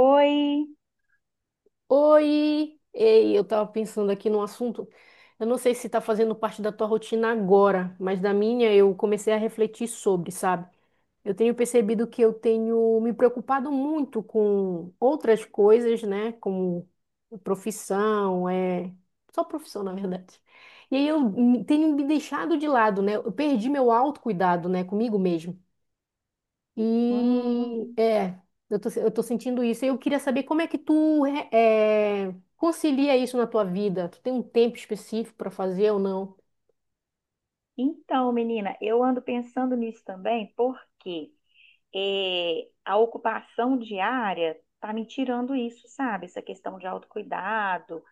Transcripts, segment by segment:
Oi! Oi! Ei, eu tava pensando aqui num assunto. Eu não sei se tá fazendo parte da tua rotina agora, mas da minha eu comecei a refletir sobre, sabe? Eu tenho percebido que eu tenho me preocupado muito com outras coisas, né? Como profissão, é. Só profissão, na verdade. E aí tenho me deixado de lado, né? Eu perdi meu autocuidado, né? Comigo mesmo. E Hum, é, eu tô sentindo isso. E eu queria saber como é que tu concilia isso na tua vida. Tu tem um tempo específico para fazer ou não? Então, menina, eu ando pensando nisso também, porque a ocupação diária tá me tirando isso, sabe? Essa questão de autocuidado,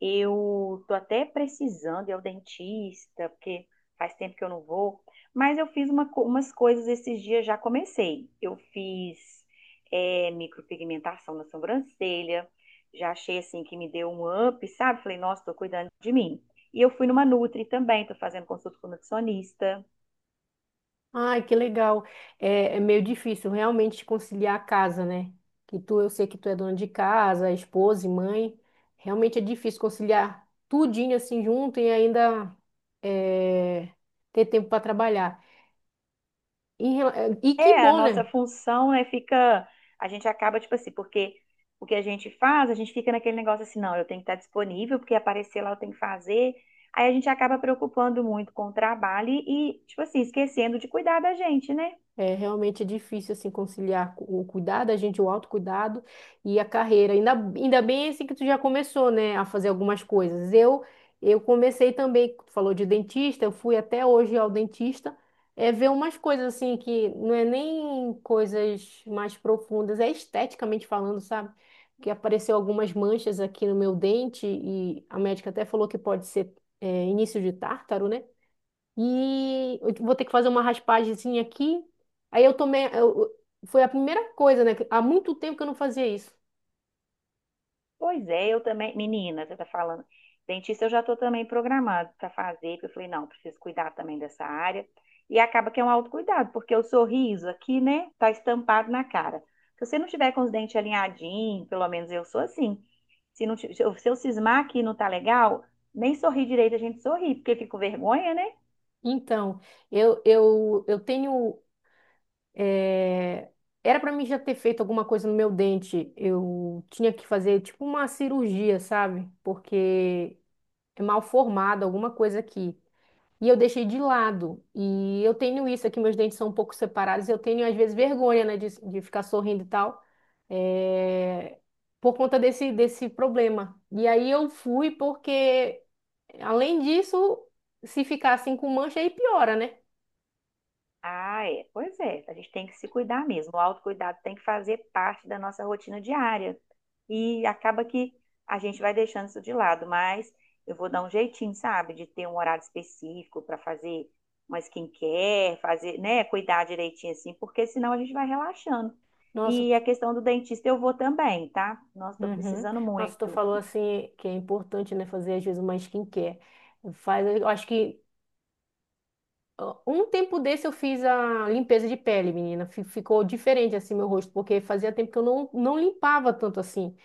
eu tô até precisando ir ao dentista, porque faz tempo que eu não vou. Mas eu fiz uma umas coisas esses dias, já comecei. Eu fiz micropigmentação na sobrancelha. Já achei assim que me deu um up, sabe? Falei, nossa, tô cuidando de mim. E eu fui numa Nutri também, tô fazendo consulta com nutricionista. Ai, que legal. É, é meio difícil realmente conciliar a casa, né? Que tu, eu sei que tu é dona de casa, esposa e mãe. Realmente é difícil conciliar tudinho assim junto e ainda é, ter tempo para trabalhar. Em rela- E que É, a bom, nossa né? função, né, fica, a gente acaba, tipo assim, porque o que a gente faz, a gente fica naquele negócio assim, não, eu tenho que estar disponível, porque aparecer lá eu tenho que fazer. Aí a gente acaba preocupando muito com o trabalho e tipo assim, esquecendo de cuidar da gente, né? É realmente difícil assim conciliar o cuidado a gente, o autocuidado e a carreira. Ainda bem assim que tu já começou, né, a fazer algumas coisas. Eu comecei também, tu falou de dentista, eu fui até hoje ao dentista, é ver umas coisas assim que não é nem coisas mais profundas, é esteticamente falando, sabe? Que apareceu algumas manchas aqui no meu dente e a médica até falou que pode ser início de tártaro, né? E eu vou ter que fazer uma raspagemzinha aqui. Aí eu tomei. Eu- Foi a primeira coisa, né? que Há muito tempo que eu não fazia isso. Pois é, eu também, menina, você tá falando, dentista eu já tô também programado para fazer, porque eu falei, não, preciso cuidar também dessa área. E acaba que é um autocuidado, porque o sorriso aqui, né, tá estampado na cara. Se você não tiver com os dentes alinhadinhos, pelo menos eu sou assim. Se não, se eu cismar que não tá legal, nem sorrir direito a gente sorri, porque fica com vergonha, né? Então, eu tenho. Era pra mim já ter feito alguma coisa no meu dente. Eu tinha que fazer tipo uma cirurgia, sabe? Porque é mal formado alguma coisa aqui. E eu deixei de lado. E eu tenho isso aqui, meus dentes são um pouco separados. Eu tenho, às vezes, vergonha, né, de ficar sorrindo e tal, é, por conta desse problema. E aí eu fui porque, além disso, se ficar assim com mancha, aí piora, né? Ah, é. Pois é, a gente tem que se cuidar mesmo. O autocuidado tem que fazer parte da nossa rotina diária. E acaba que a gente vai deixando isso de lado, mas eu vou dar um jeitinho, sabe, de ter um horário específico para fazer uma skincare, fazer, né, cuidar direitinho assim, porque senão a gente vai relaxando. Nossa, E a questão do dentista eu vou também, tá? Nossa, tô uhum. precisando Nossa, tu muito. falou assim que é importante, né, fazer às vezes uma skincare. Faz, eu acho que um tempo desse eu fiz a limpeza de pele, menina. Ficou diferente assim meu rosto, porque fazia tempo que eu não limpava tanto assim.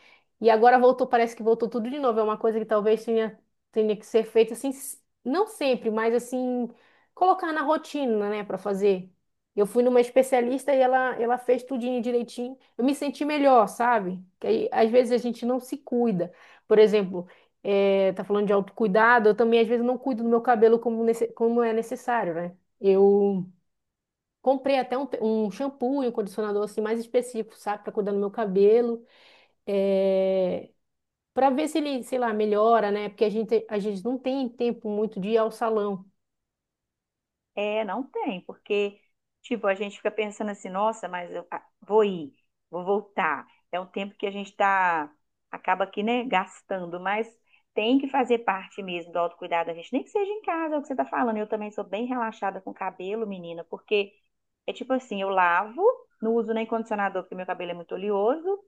E agora voltou, parece que voltou tudo de novo. É uma coisa que tenha que ser feita assim, não sempre, mas assim, colocar na rotina, né, para fazer. Eu fui numa especialista e ela fez tudinho direitinho. Eu me senti melhor, sabe? Que aí, às vezes a gente não se cuida. Por exemplo, tá falando de autocuidado, eu também às vezes não cuido do meu cabelo como é necessário, né? Eu comprei até um shampoo e um condicionador assim mais específico, sabe, para cuidar do meu cabelo, é... para ver se ele, sei lá, melhora, né? Porque a gente não tem tempo muito de ir ao salão. É, não tem, porque, tipo, a gente fica pensando assim, nossa, mas vou ir, vou voltar. É um tempo que a gente tá, acaba aqui, né, gastando, mas tem que fazer parte mesmo do autocuidado da gente, nem que seja em casa, é o que você tá falando. Eu também sou bem relaxada com o cabelo, menina, porque é tipo assim, eu lavo, não uso nem condicionador, porque meu cabelo é muito oleoso,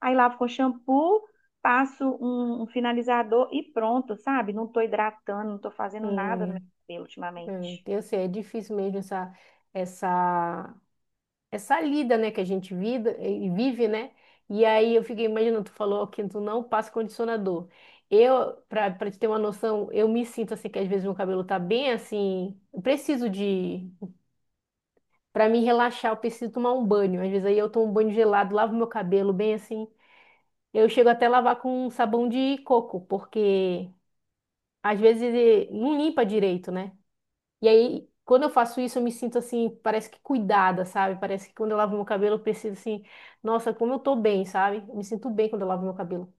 aí lavo com shampoo, passo um finalizador e pronto, sabe? Não tô hidratando, não tô fazendo nada no meu Hum, cabelo ultimamente. então, assim, é difícil mesmo essa, essa lida, né, que a gente vida, e vive, né? E aí eu fiquei imaginando, tu falou que tu não passa condicionador. Eu, para te ter uma noção, eu me sinto assim que às vezes meu cabelo tá bem assim, eu preciso de pra me relaxar, eu preciso tomar um banho. Às vezes aí eu tomo um banho gelado, lavo meu cabelo bem assim. Eu chego até a lavar com um sabão de coco, porque às vezes não limpa direito, né? E aí, quando eu faço isso, eu me sinto assim, parece que cuidada, sabe? Parece que quando eu lavo meu cabelo, eu preciso assim, nossa, como eu tô bem, sabe? Eu me sinto bem quando eu lavo meu cabelo.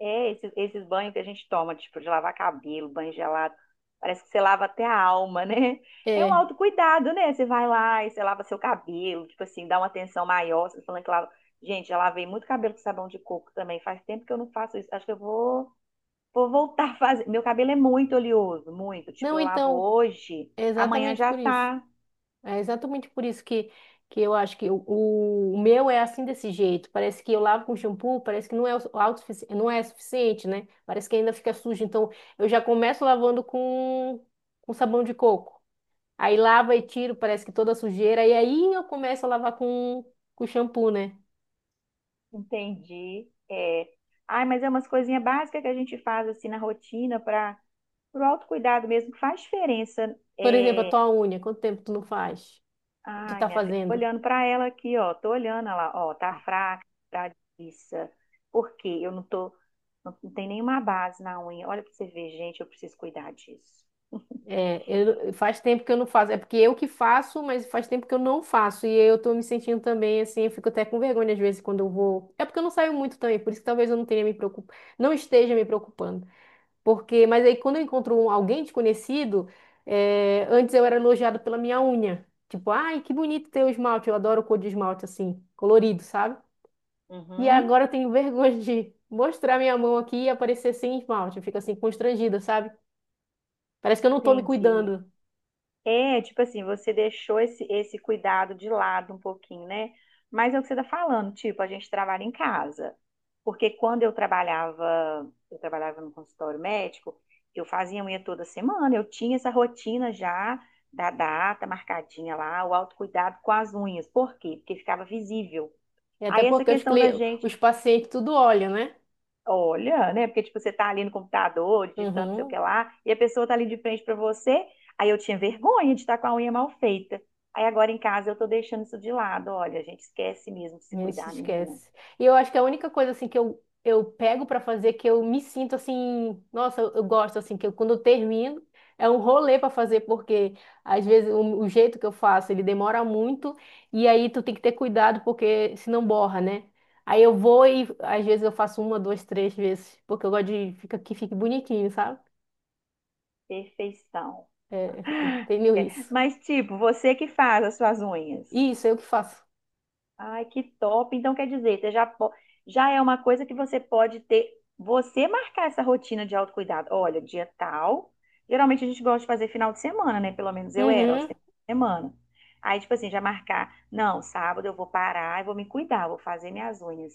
Esses banhos que a gente toma, tipo, de lavar cabelo, banho gelado, parece que você lava até a alma, né? É um É. autocuidado, né? Você vai lá e você lava seu cabelo, tipo assim, dá uma atenção maior, você falando que lava. Gente, já lavei muito cabelo com sabão de coco também. Faz tempo que eu não faço isso. Acho que vou voltar a fazer. Meu cabelo é muito oleoso, muito. Tipo, Não, eu lavo então, hoje, é amanhã exatamente já por isso. tá. É exatamente por isso que eu acho que o meu é assim desse jeito. Parece que eu lavo com shampoo, parece que não é suficiente, né? Parece que ainda fica sujo. Então, eu já começo lavando com sabão de coco. Aí lava e tiro, parece que toda a sujeira. E aí eu começo a lavar com shampoo, né? Entendi. É. Ai, mas é umas coisinhas básicas que a gente faz assim na rotina para pro autocuidado mesmo que faz diferença. Por exemplo, a tua unha, quanto tempo tu não faz? Tu Ai, tá minha filha, tô fazendo? olhando para ela aqui, ó. Tô olhando ela, ó, tá fraca, tá liça. Por quê? Eu não tô. Não, não tem nenhuma base na unha. Olha pra você ver, gente, eu preciso cuidar disso. É, eu, faz tempo que eu não faço. É porque eu que faço, mas faz tempo que eu não faço. E eu tô me sentindo também assim, eu fico até com vergonha às vezes quando eu vou. É porque eu não saio muito também, por isso que talvez eu não tenha não esteja me preocupando. Porque, mas aí quando eu encontro alguém desconhecido, é, antes eu era elogiado pela minha unha. Tipo, ai, que bonito teu esmalte, eu adoro cor de esmalte assim, colorido, sabe? E Uhum, agora eu tenho vergonha de mostrar minha mão aqui e aparecer sem esmalte. Eu fico assim constrangida, sabe? Parece que eu não tô me entendi. cuidando. É, tipo assim, você deixou esse cuidado de lado um pouquinho, né? Mas é o que você tá falando, tipo, a gente trabalha em casa. Porque quando eu trabalhava no consultório médico, eu fazia unha toda semana, eu tinha essa rotina já da data marcadinha lá, o autocuidado com as unhas. Por quê? Porque ficava visível. E até Aí essa porque questão da gente, os pacientes tudo olham, né? olha, né? Porque tipo, você tá ali no computador, digitando não sei o que Uhum, lá, e a pessoa tá ali de frente para você, aí eu tinha vergonha de estar com a unha mal feita. Aí agora em casa eu tô deixando isso de lado. Olha, a gente esquece mesmo de a se gente cuidar, menina. esquece. E eu acho que a única coisa assim que eu pego pra fazer que eu me sinto assim, nossa, eu gosto assim que eu, quando eu termino é um rolê pra fazer porque às vezes o jeito que eu faço ele demora muito e aí tu tem que ter cuidado porque senão borra, né? Aí eu vou e às vezes eu faço uma, duas, três vezes porque eu gosto de fica, que fique bonitinho, sabe? Perfeição. É, eu tenho isso. Mas, tipo, você que faz as suas unhas. Isso, eu que faço. Ai, que top. Então, quer dizer, você já, já é uma coisa que você pode ter. Você marcar essa rotina de autocuidado. Olha, dia tal. Geralmente a gente gosta de fazer final de semana, né? Pelo menos eu era, aos Uhum. finais de semana. Aí, tipo assim, já marcar. Não, sábado eu vou parar e vou me cuidar, vou fazer minhas unhas.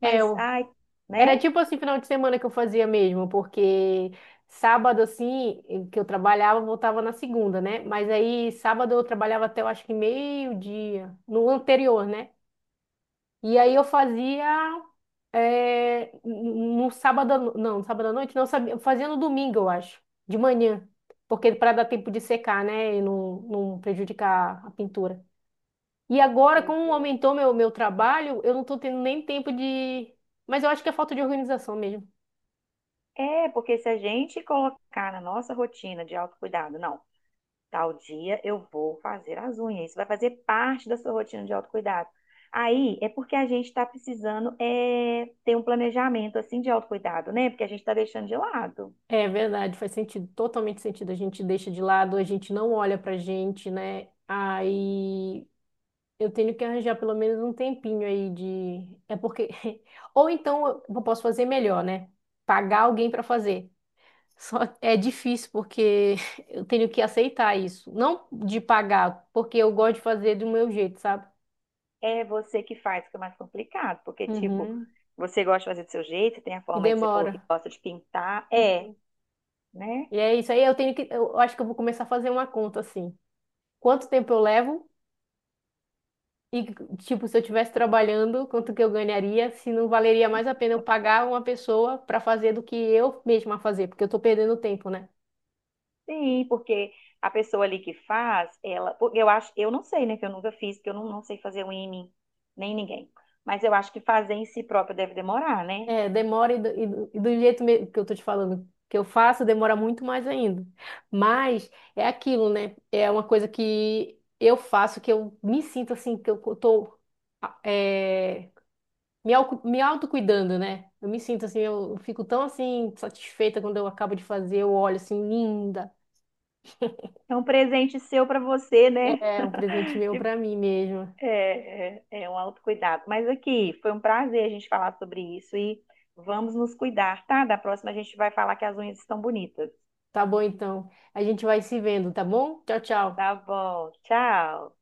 É, Mas, eu ai, Era né? tipo assim, final de semana que eu fazia mesmo, porque sábado, assim, que eu trabalhava, eu voltava na segunda, né? Mas aí, sábado eu trabalhava até, eu acho que meio-dia, no anterior, né? E aí eu fazia, no sábado à noite, não, eu sabia, eu fazia no domingo, eu acho, de manhã, porque para dar tempo de secar, né? E não prejudicar a pintura. E agora, Pois como é. aumentou meu trabalho, eu não tô tendo nem tempo de... Mas eu acho que é falta de organização mesmo. É, porque se a gente colocar na nossa rotina de autocuidado, não. Tal dia eu vou fazer as unhas. Isso vai fazer parte da sua rotina de autocuidado. Aí é porque a gente está precisando ter um planejamento assim de autocuidado, né? Porque a gente está deixando de lado. É verdade, faz sentido, totalmente sentido. A gente deixa de lado, a gente não olha pra gente, né? Aí eu tenho que arranjar pelo menos um tempinho aí de. É porque. Ou então eu posso fazer melhor, né? Pagar alguém pra fazer. Só é difícil porque eu tenho que aceitar isso. Não de pagar, porque eu gosto de fazer do meu jeito, sabe? É você que faz, que é mais complicado. Porque, tipo, Uhum. você gosta de fazer do seu jeito, você tem a E forma aí que você falou que demora. gosta de pintar. É, né? E é isso aí, eu tenho que. Eu acho que eu vou começar a fazer uma conta assim. Quanto tempo eu levo? E, tipo, se eu estivesse trabalhando, quanto que eu ganharia, se não valeria mais a pena eu pagar uma pessoa para fazer do que eu mesma fazer, porque eu tô perdendo tempo, né? Sim, porque a pessoa ali que faz, ela. Porque Eu acho, eu não sei, né? Que eu nunca fiz, porque eu não, não sei fazer unha em mim, nem em ninguém. Mas eu acho que fazer em si próprio deve demorar, né? É, demora e e do jeito que eu tô te falando que eu faço, demora muito mais ainda. Mas é aquilo, né? É uma coisa que eu faço, que eu me sinto assim, que eu tô ah, é, me autocuidando, né? Eu me sinto assim, eu fico tão assim, satisfeita quando eu acabo de fazer, eu olho assim, linda. É um presente seu para você, né? É um presente meu Tipo, para mim mesmo. É um autocuidado. Mas aqui, foi um prazer a gente falar sobre isso e vamos nos cuidar, tá? Da próxima a gente vai falar que as unhas estão bonitas. Tá bom, então. A gente vai se vendo, tá bom? Tchau, tchau. Tá bom, tchau.